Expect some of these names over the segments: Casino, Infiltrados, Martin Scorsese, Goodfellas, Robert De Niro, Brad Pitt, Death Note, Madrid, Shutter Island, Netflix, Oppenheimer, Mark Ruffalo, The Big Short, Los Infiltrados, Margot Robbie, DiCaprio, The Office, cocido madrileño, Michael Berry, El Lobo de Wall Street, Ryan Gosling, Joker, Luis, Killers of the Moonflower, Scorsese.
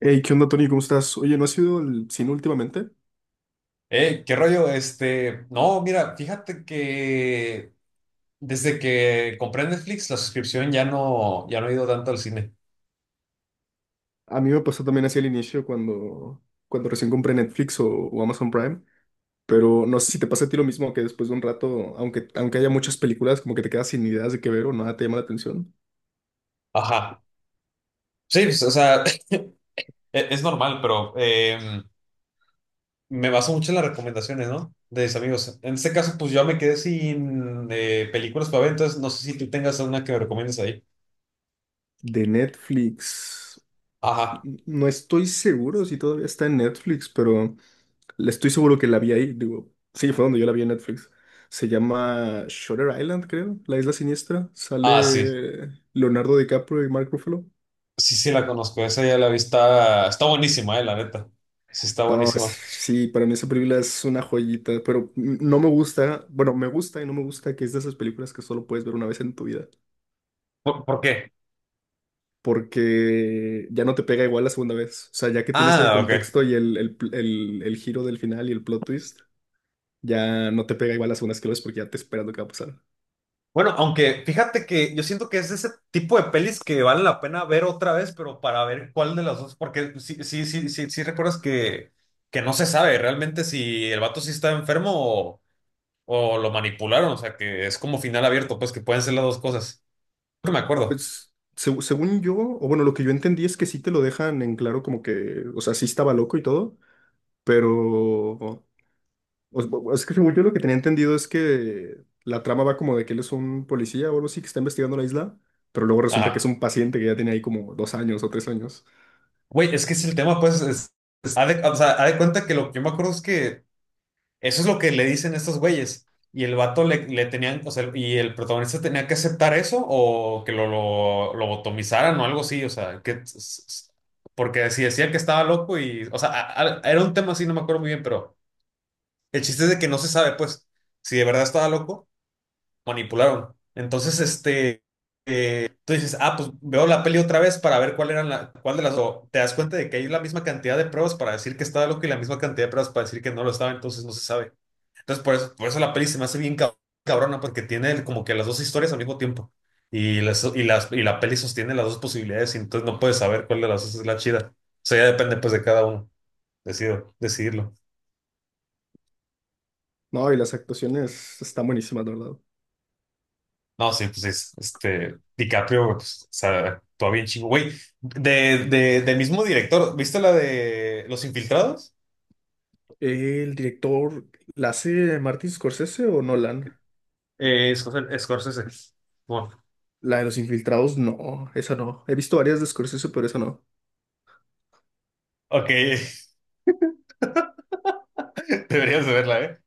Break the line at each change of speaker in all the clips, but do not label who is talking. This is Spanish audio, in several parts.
Hey, ¿qué onda, Tony? ¿Cómo estás? Oye, ¿no has ido al cine últimamente?
¿Qué rollo? No, mira, fíjate que desde que compré Netflix, la suscripción ya no he ido tanto al cine.
A mí me pasó también así al inicio cuando recién compré Netflix o Amazon Prime, pero no sé si te pasa a ti lo mismo que después de un rato, aunque haya muchas películas, como que te quedas sin ideas de qué ver o nada te llama la atención.
Ajá. Sí, pues, o sea, es normal, pero me baso mucho en las recomendaciones, ¿no? De mis amigos. En este caso, pues yo me quedé sin películas para ver, entonces no sé si tú tengas una que me recomiendes ahí.
De Netflix.
Ajá.
No estoy seguro si todavía está en Netflix, pero le estoy seguro que la vi ahí. Digo, sí, fue donde yo la vi en Netflix. Se llama Shutter Island, creo, La Isla Siniestra.
Ah, sí.
Sale Leonardo DiCaprio y Mark Ruffalo.
Sí, sí, la conozco. Esa ya la vi. Está buenísima, la neta. Sí, está
No, es-
buenísima.
sí, para mí esa película es una joyita, pero no me gusta, bueno, me gusta y no me gusta que es de esas películas que solo puedes ver una vez en tu vida,
¿ por qué?
porque ya no te pega igual la segunda vez. O sea, ya que tienes el
Ah, ok.
contexto y el giro del final y el plot twist. Ya no te pega igual las segundas que lo ves porque ya te esperas lo que va a pasar.
Bueno, aunque fíjate que yo siento que es ese tipo de pelis que vale la pena ver otra vez, pero para ver cuál de las dos, porque sí recuerdas que no se sabe realmente si el vato sí está enfermo o lo manipularon, o sea, que es como final abierto, pues que pueden ser las dos cosas. Creo que me acuerdo.
Pues, según yo, o bueno, lo que yo entendí es que sí te lo dejan en claro como que, o sea, sí estaba loco y todo, pero o- es que según yo lo que tenía entendido es que la trama va como de que él es un policía o algo así que está investigando la isla, pero luego resulta que es
Ajá.
un paciente que ya tiene ahí como 2 años o 3 años.
Güey, es que es el tema, o sea, haz de cuenta que lo que yo me acuerdo es que eso es lo que le dicen estos güeyes. Y el le tenían, o sea, y el protagonista tenía que aceptar eso o que lo lobotomizaran o algo así, o sea, porque si decían que estaba loco y, o sea, era un tema así, no me acuerdo muy bien, pero el chiste es de que no se sabe, pues, si de verdad estaba loco, manipularon. Entonces, tú dices, ah, pues veo la peli otra vez para ver cuál de las, o te das cuenta de que hay la misma cantidad de pruebas para decir que estaba loco y la misma cantidad de pruebas para decir que no lo estaba, entonces no se sabe. Entonces, por eso la peli se me hace bien cabrona, porque tiene como que las dos historias al mismo tiempo. Y la peli sostiene las dos posibilidades, y entonces no puedes saber cuál de las dos es la chida. O sea, ya depende pues de cada uno, decidirlo.
No, y las actuaciones están buenísimas, la verdad.
No, sí, pues es, DiCaprio, güey, pues, o sea, actúa bien chingo. Güey, del mismo director, ¿viste la de Los Infiltrados?
¿El director la hace Martin Scorsese o Nolan?
Scorsese. Scorsese. Bueno,
La de los infiltrados, no, esa no. He visto varias de Scorsese, pero esa no.
ok, deberías de verla, ¿eh?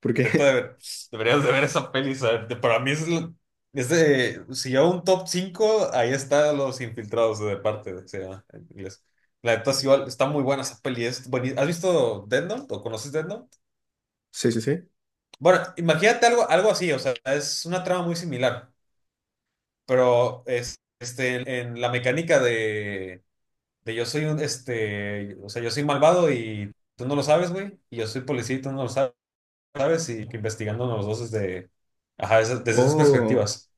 ¿Por
Neta,
qué?
pues, deberías de ver esa peli. ¿Sabes? Para mí es de, si yo un top 5 ahí está Los Infiltrados de parte, se llama en inglés. La neta, sí, igual, está muy buena esa peli. Es ¿Has visto Death Note o conoces Death Note?
Sí, sí, sí.
Bueno, imagínate algo así, o sea, es una trama muy similar, pero es, en la mecánica de yo soy un, este, o sea, yo soy malvado y tú no lo sabes, güey, y yo soy policía y tú no lo sabes. ¿Sabes? Y que investigando los dos desde, ajá, desde esas
Oh,
perspectivas.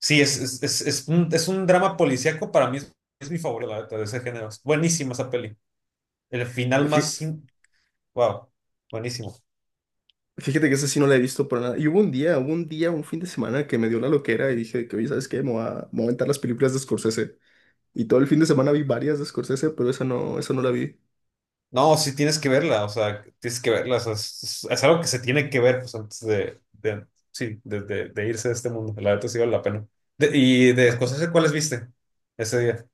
Sí, es un drama policíaco, para mí es mi favorito, la neta, de ese género. Es buenísima esa peli. El final
fí-
más... sin- wow, buenísimo.
fíjate que esa sí no la he visto para nada. Y hubo un día, un fin de semana que me dio la loquera y dije que, oye, ¿sabes qué? Me voy a aventar las películas de Scorsese. Y todo el fin de semana vi varias de Scorsese, pero esa no la vi.
No, sí tienes que verla, o sea, tienes que verla, o sea, es algo que se tiene que ver pues, sí, de irse de este mundo. La neta sí vale la pena. Y de
Ta-
Scorsese, ¿cuáles viste ese día?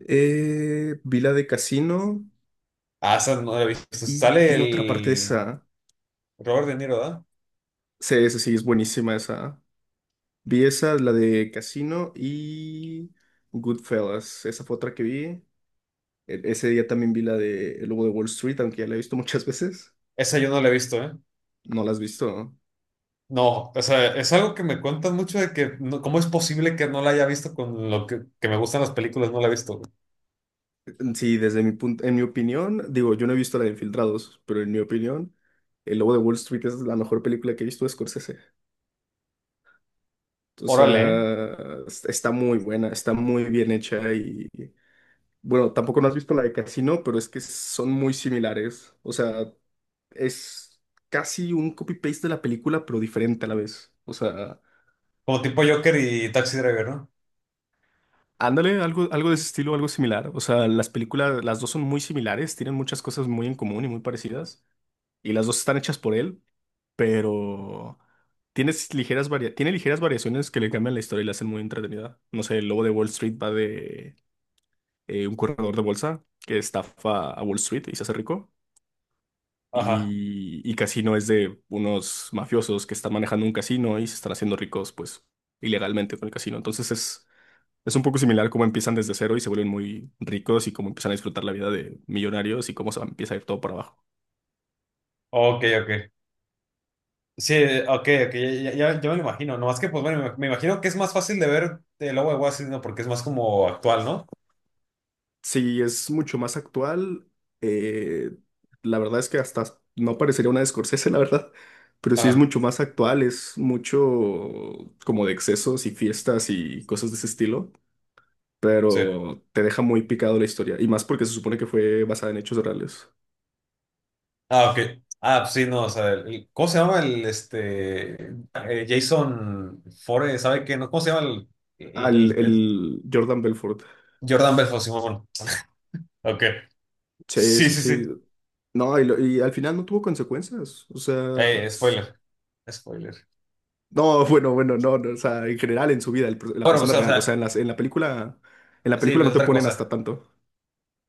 Vi la de Casino
Ah, esa no la he visto.
y
Sale
tiene otra parte de
el
esa.
Robert De Niro, ¿verdad?
Sí, esa sí, es buenísima esa. Vi esa, la de Casino y Goodfellas. Esa fue otra que vi. Ese día también vi la de El Lobo de Wall Street, aunque ya la he visto muchas veces.
Esa yo no la he visto, ¿eh?
No la has visto, ¿no?
No, o sea, es algo que me cuentan mucho de que, ¿cómo es posible que no la haya visto con lo que me gustan las películas? No la he visto.
Sí, desde mi punto, en mi opinión, digo, yo no he visto la de Infiltrados, pero en mi opinión, El Lobo de Wall Street es la mejor película que he visto de Scorsese. O
Órale, ¿eh?
sea, está muy buena, está muy bien hecha y bueno, tampoco no has visto la de Casino, pero es que son muy similares. O sea, es casi un copy-paste de la película, pero diferente a la vez. O sea,
¿Como tipo Joker y Taxi Driver, no?
ándale, algo, algo de ese estilo, algo similar. O sea, las películas, las dos son muy similares, tienen muchas cosas muy en común y muy parecidas. Y las dos están hechas por él, pero tiene ligeras variaciones que le cambian la historia y la hacen muy entretenida. No sé, el lobo de Wall Street va de un corredor de bolsa que estafa a Wall Street y se hace rico.
Ajá.
Y Casino es de unos mafiosos que están manejando un casino y se están haciendo ricos, pues, ilegalmente con el casino. Entonces es un poco similar cómo empiezan desde cero y se vuelven muy ricos y cómo empiezan a disfrutar la vida de millonarios y cómo se empieza a ir todo para abajo.
Ok, ok. Sí, ok, ok, ya me lo imagino. Nomás que, pues bueno, me imagino que es más fácil de ver el Lobo de Wall Street, ¿no? Porque es más como actual, ¿no?
Sí, es mucho más actual. eh, la verdad es que hasta no parecería una de Scorsese, la verdad, pero sí es
Ajá,
mucho más actual, es mucho como de excesos y fiestas y cosas de ese estilo,
sí.
pero te deja muy picado la historia y más porque se supone que fue basada en hechos reales.
Ah, ok. Ah, pues sí, no, o sea, ¿cómo se llama el, este, Jason Fore, ¿sabe qué? No, ¿cómo se llama el,
Al
el- el-
el Jordan Belfort.
Jordan Belfort, Simón? Ok.
Sí,
Sí,
sí,
sí, sí.
sí. No, y al final no tuvo consecuencias. O sea,
Spoiler. Spoiler.
no, no, no, o sea, en general en su vida, la
Bueno, pues,
persona
o
real. O sea,
sea,
en la
sí,
película
es
no te
otra
ponen hasta
cosa.
tanto.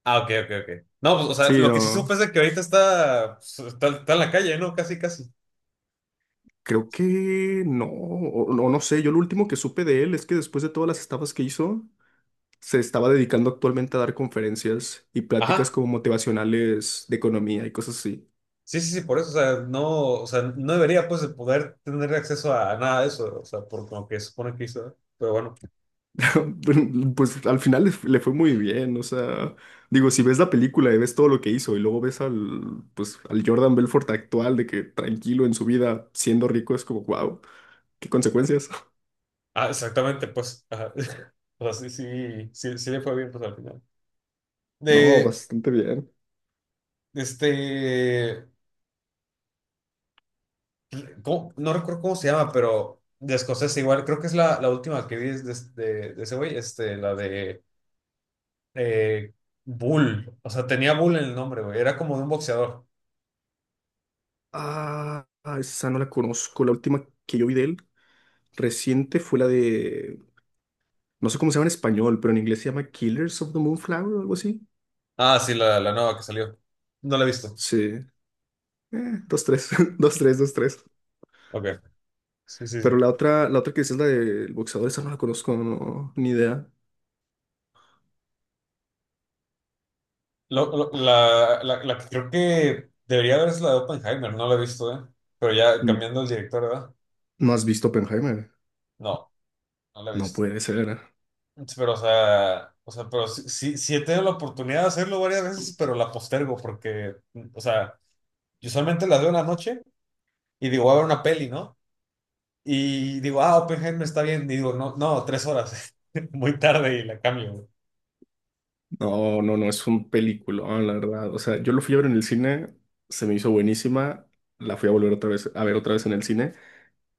Ah, ok, ok, ok. No, pues, o sea,
Sí,
lo que sí
no,
supe es de que ahorita está, está en la calle, ¿no? Casi, casi.
creo que no, o, no, no sé. Yo lo último que supe de él es que después de todas las estafas que hizo, se estaba dedicando actualmente a dar conferencias y pláticas
Ajá.
como motivacionales de economía y cosas así.
Sí, sí, sí, por eso, o sea, no debería, pues, de poder tener acceso a nada de eso, o sea, por lo que supone que hizo, pero bueno.
Pues al final le fue muy bien, o sea, digo, si ves la película y ves todo lo que hizo y luego ves al, pues, al Jordan Belfort actual de que tranquilo en su vida, siendo rico, es como, wow, qué consecuencias.
Ah, exactamente, pues, ajá. O sea, sí le fue bien, pues, al final.
No,
De,
bastante bien.
este, ¿Cómo? No recuerdo cómo se llama, pero de escocés igual, creo que es la última que vi de ese güey, este, la de eh, Bull, o sea, tenía Bull en el nombre, güey, era como de un boxeador.
Ah, ah, esa no la conozco. La última que yo vi de él reciente fue la de, no sé cómo se llama en español, pero en inglés se llama Killers of the Moonflower o algo así.
Ah, sí, la nueva que salió. No la he visto.
Sí, dos, tres, dos, tres, dos, tres.
Ok, sí, sí, sí.
Pero la otra que dices, la del boxeador, esa no la conozco, no, ni idea.
La que creo que debería haber es la de Oppenheimer, no la he visto, ¿eh? Pero ya
N-
cambiando el director, ¿verdad?
¿No has visto Oppenheimer?
No, no la he
No
visto.
puede ser.
Pero, o sea, pero sí, sí, sí he tenido la oportunidad de hacerlo varias veces, pero la postergo porque, o sea... Yo solamente las veo en la noche y digo, voy a ver una peli, ¿no? Y digo, ah, Oppenheimer está bien. Y digo, no, no, tres horas. Muy tarde y la cambio, güey.
No, es un peliculón, la verdad. O sea, yo lo fui a ver en el cine, se me hizo buenísima, la fui a volver otra vez, a ver otra vez en el cine.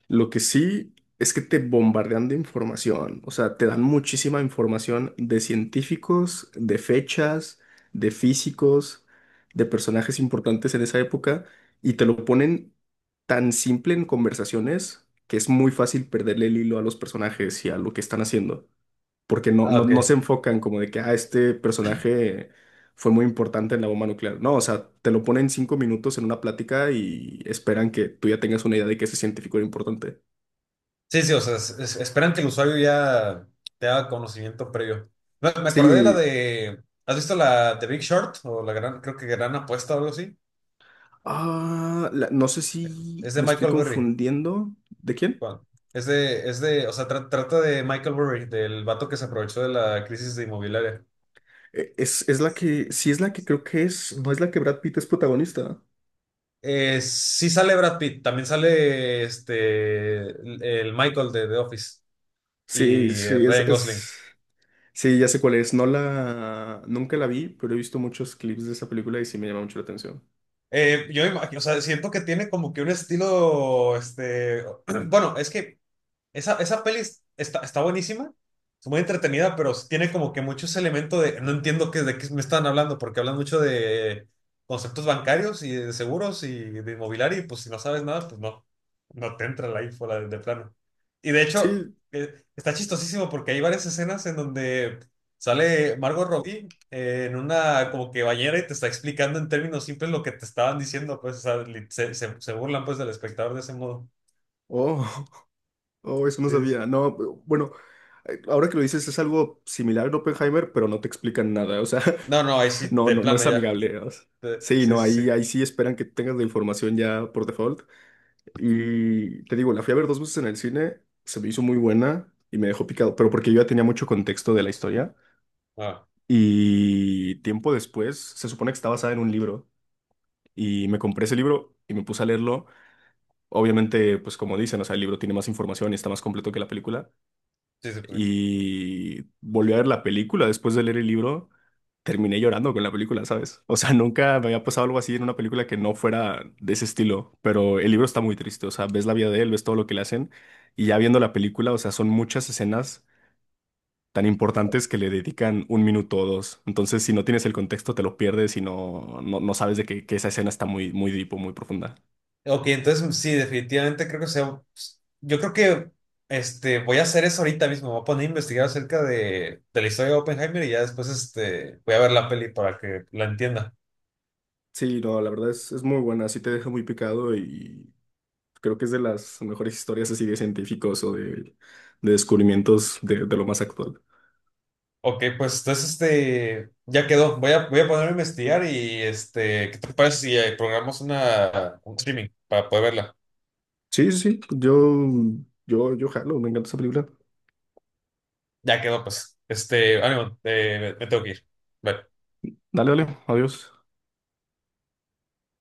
Lo que sí es que te bombardean de información, o sea, te dan muchísima información de científicos, de fechas, de físicos, de personajes importantes en esa época, y te lo ponen tan simple en conversaciones que es muy fácil perderle el hilo a los personajes y a lo que están haciendo, porque
Ah,
no
ok.
se enfocan como de que, ah, este personaje fue muy importante en la bomba nuclear. No, o sea, te lo ponen 5 minutos en una plática y esperan que tú ya tengas una idea de que ese científico era importante.
Sí, sí, o sea, esperan que el usuario ya te haga conocimiento previo. Me acordé de la
Sí.
de. ¿Has visto la The Big Short? O La Gran, creo que Gran Apuesta o algo así.
No sé si
Es de
me estoy
Michael Berry.
confundiendo. ¿De quién?
Juan. Es de, o sea, trata de Michael Berry, del vato que se aprovechó de la crisis de inmobiliaria.
Es la que, sí es la que creo que es, no es la que Brad Pitt es protagonista.
Sí sale Brad Pitt, también sale este el Michael de The Office
Sí,
y
sí, es,
Ryan Gosling.
es, sí, ya sé cuál es. No la, nunca la vi, pero he visto muchos clips de esa película y sí me llama mucho la atención.
Yo imagino, o sea, siento que tiene como que un estilo, este, bueno, es que esa peli está, está buenísima, es muy entretenida, pero sí tiene como que muchos elementos de, no entiendo qué, de qué me están hablando, porque hablan mucho de conceptos bancarios y de seguros y de inmobiliario, y pues si no sabes nada, pues no, no te entra la info de plano. Y de hecho,
Sí.
está chistosísimo porque hay varias escenas en donde sale Margot Robbie en una como que bañera y te está explicando en términos simples lo que te estaban diciendo, pues, o sea, se burlan pues del espectador de ese modo.
Oh, oh, eso no
Sí, sí, sí.
sabía. No, bueno, ahora que lo dices es algo similar a Oppenheimer, pero no te explican nada. O sea,
No, no, ahí sí, de
No
plano
es
ya.
amigable, o sea. Sí,
Sí,
no,
sí, sí.
ahí sí esperan que tengas la información ya por default. Y te digo, la fui a ver 2 veces en el cine, se me hizo muy buena y me dejó picado, pero porque yo ya tenía mucho contexto de la historia.
Ah,
Y tiempo después, se supone que está basada en un libro y me compré ese libro y me puse a leerlo. Obviamente, pues como dicen, o sea, el libro tiene más información y está más completo que la película.
sí, sí, pues sí.
Y volví a ver la película después de leer el libro, terminé llorando con la película, ¿sabes? O sea, nunca me había pasado algo así en una película que no fuera de ese estilo, pero el libro está muy triste, o sea, ves la vida de él, ves todo lo que le hacen y ya viendo la película, o sea, son muchas escenas tan importantes que le dedican un minuto o dos. Entonces, si no tienes el contexto, te lo pierdes y no sabes de que esa escena está muy, muy deep o muy profunda.
Ok, entonces sí, definitivamente creo que sea. Yo creo que este, voy a hacer eso ahorita mismo. Me voy a poner a investigar acerca de la historia de Oppenheimer y ya después este, voy a ver la peli para que la entienda.
Sí, no, la verdad es muy buena, sí te deja muy picado y creo que es de las mejores historias así de científicos o de descubrimientos de lo más actual.
Ok, pues entonces este, ya quedó. Voy a ponerme a investigar y este, ¿qué te parece si programamos una, un streaming para poder verla?
Sí, sí, sí, yo jalo, me encanta esa película.
Ya quedó, pues. Este, ánimo, me tengo que ir. Bye.
Dale, dale, adiós.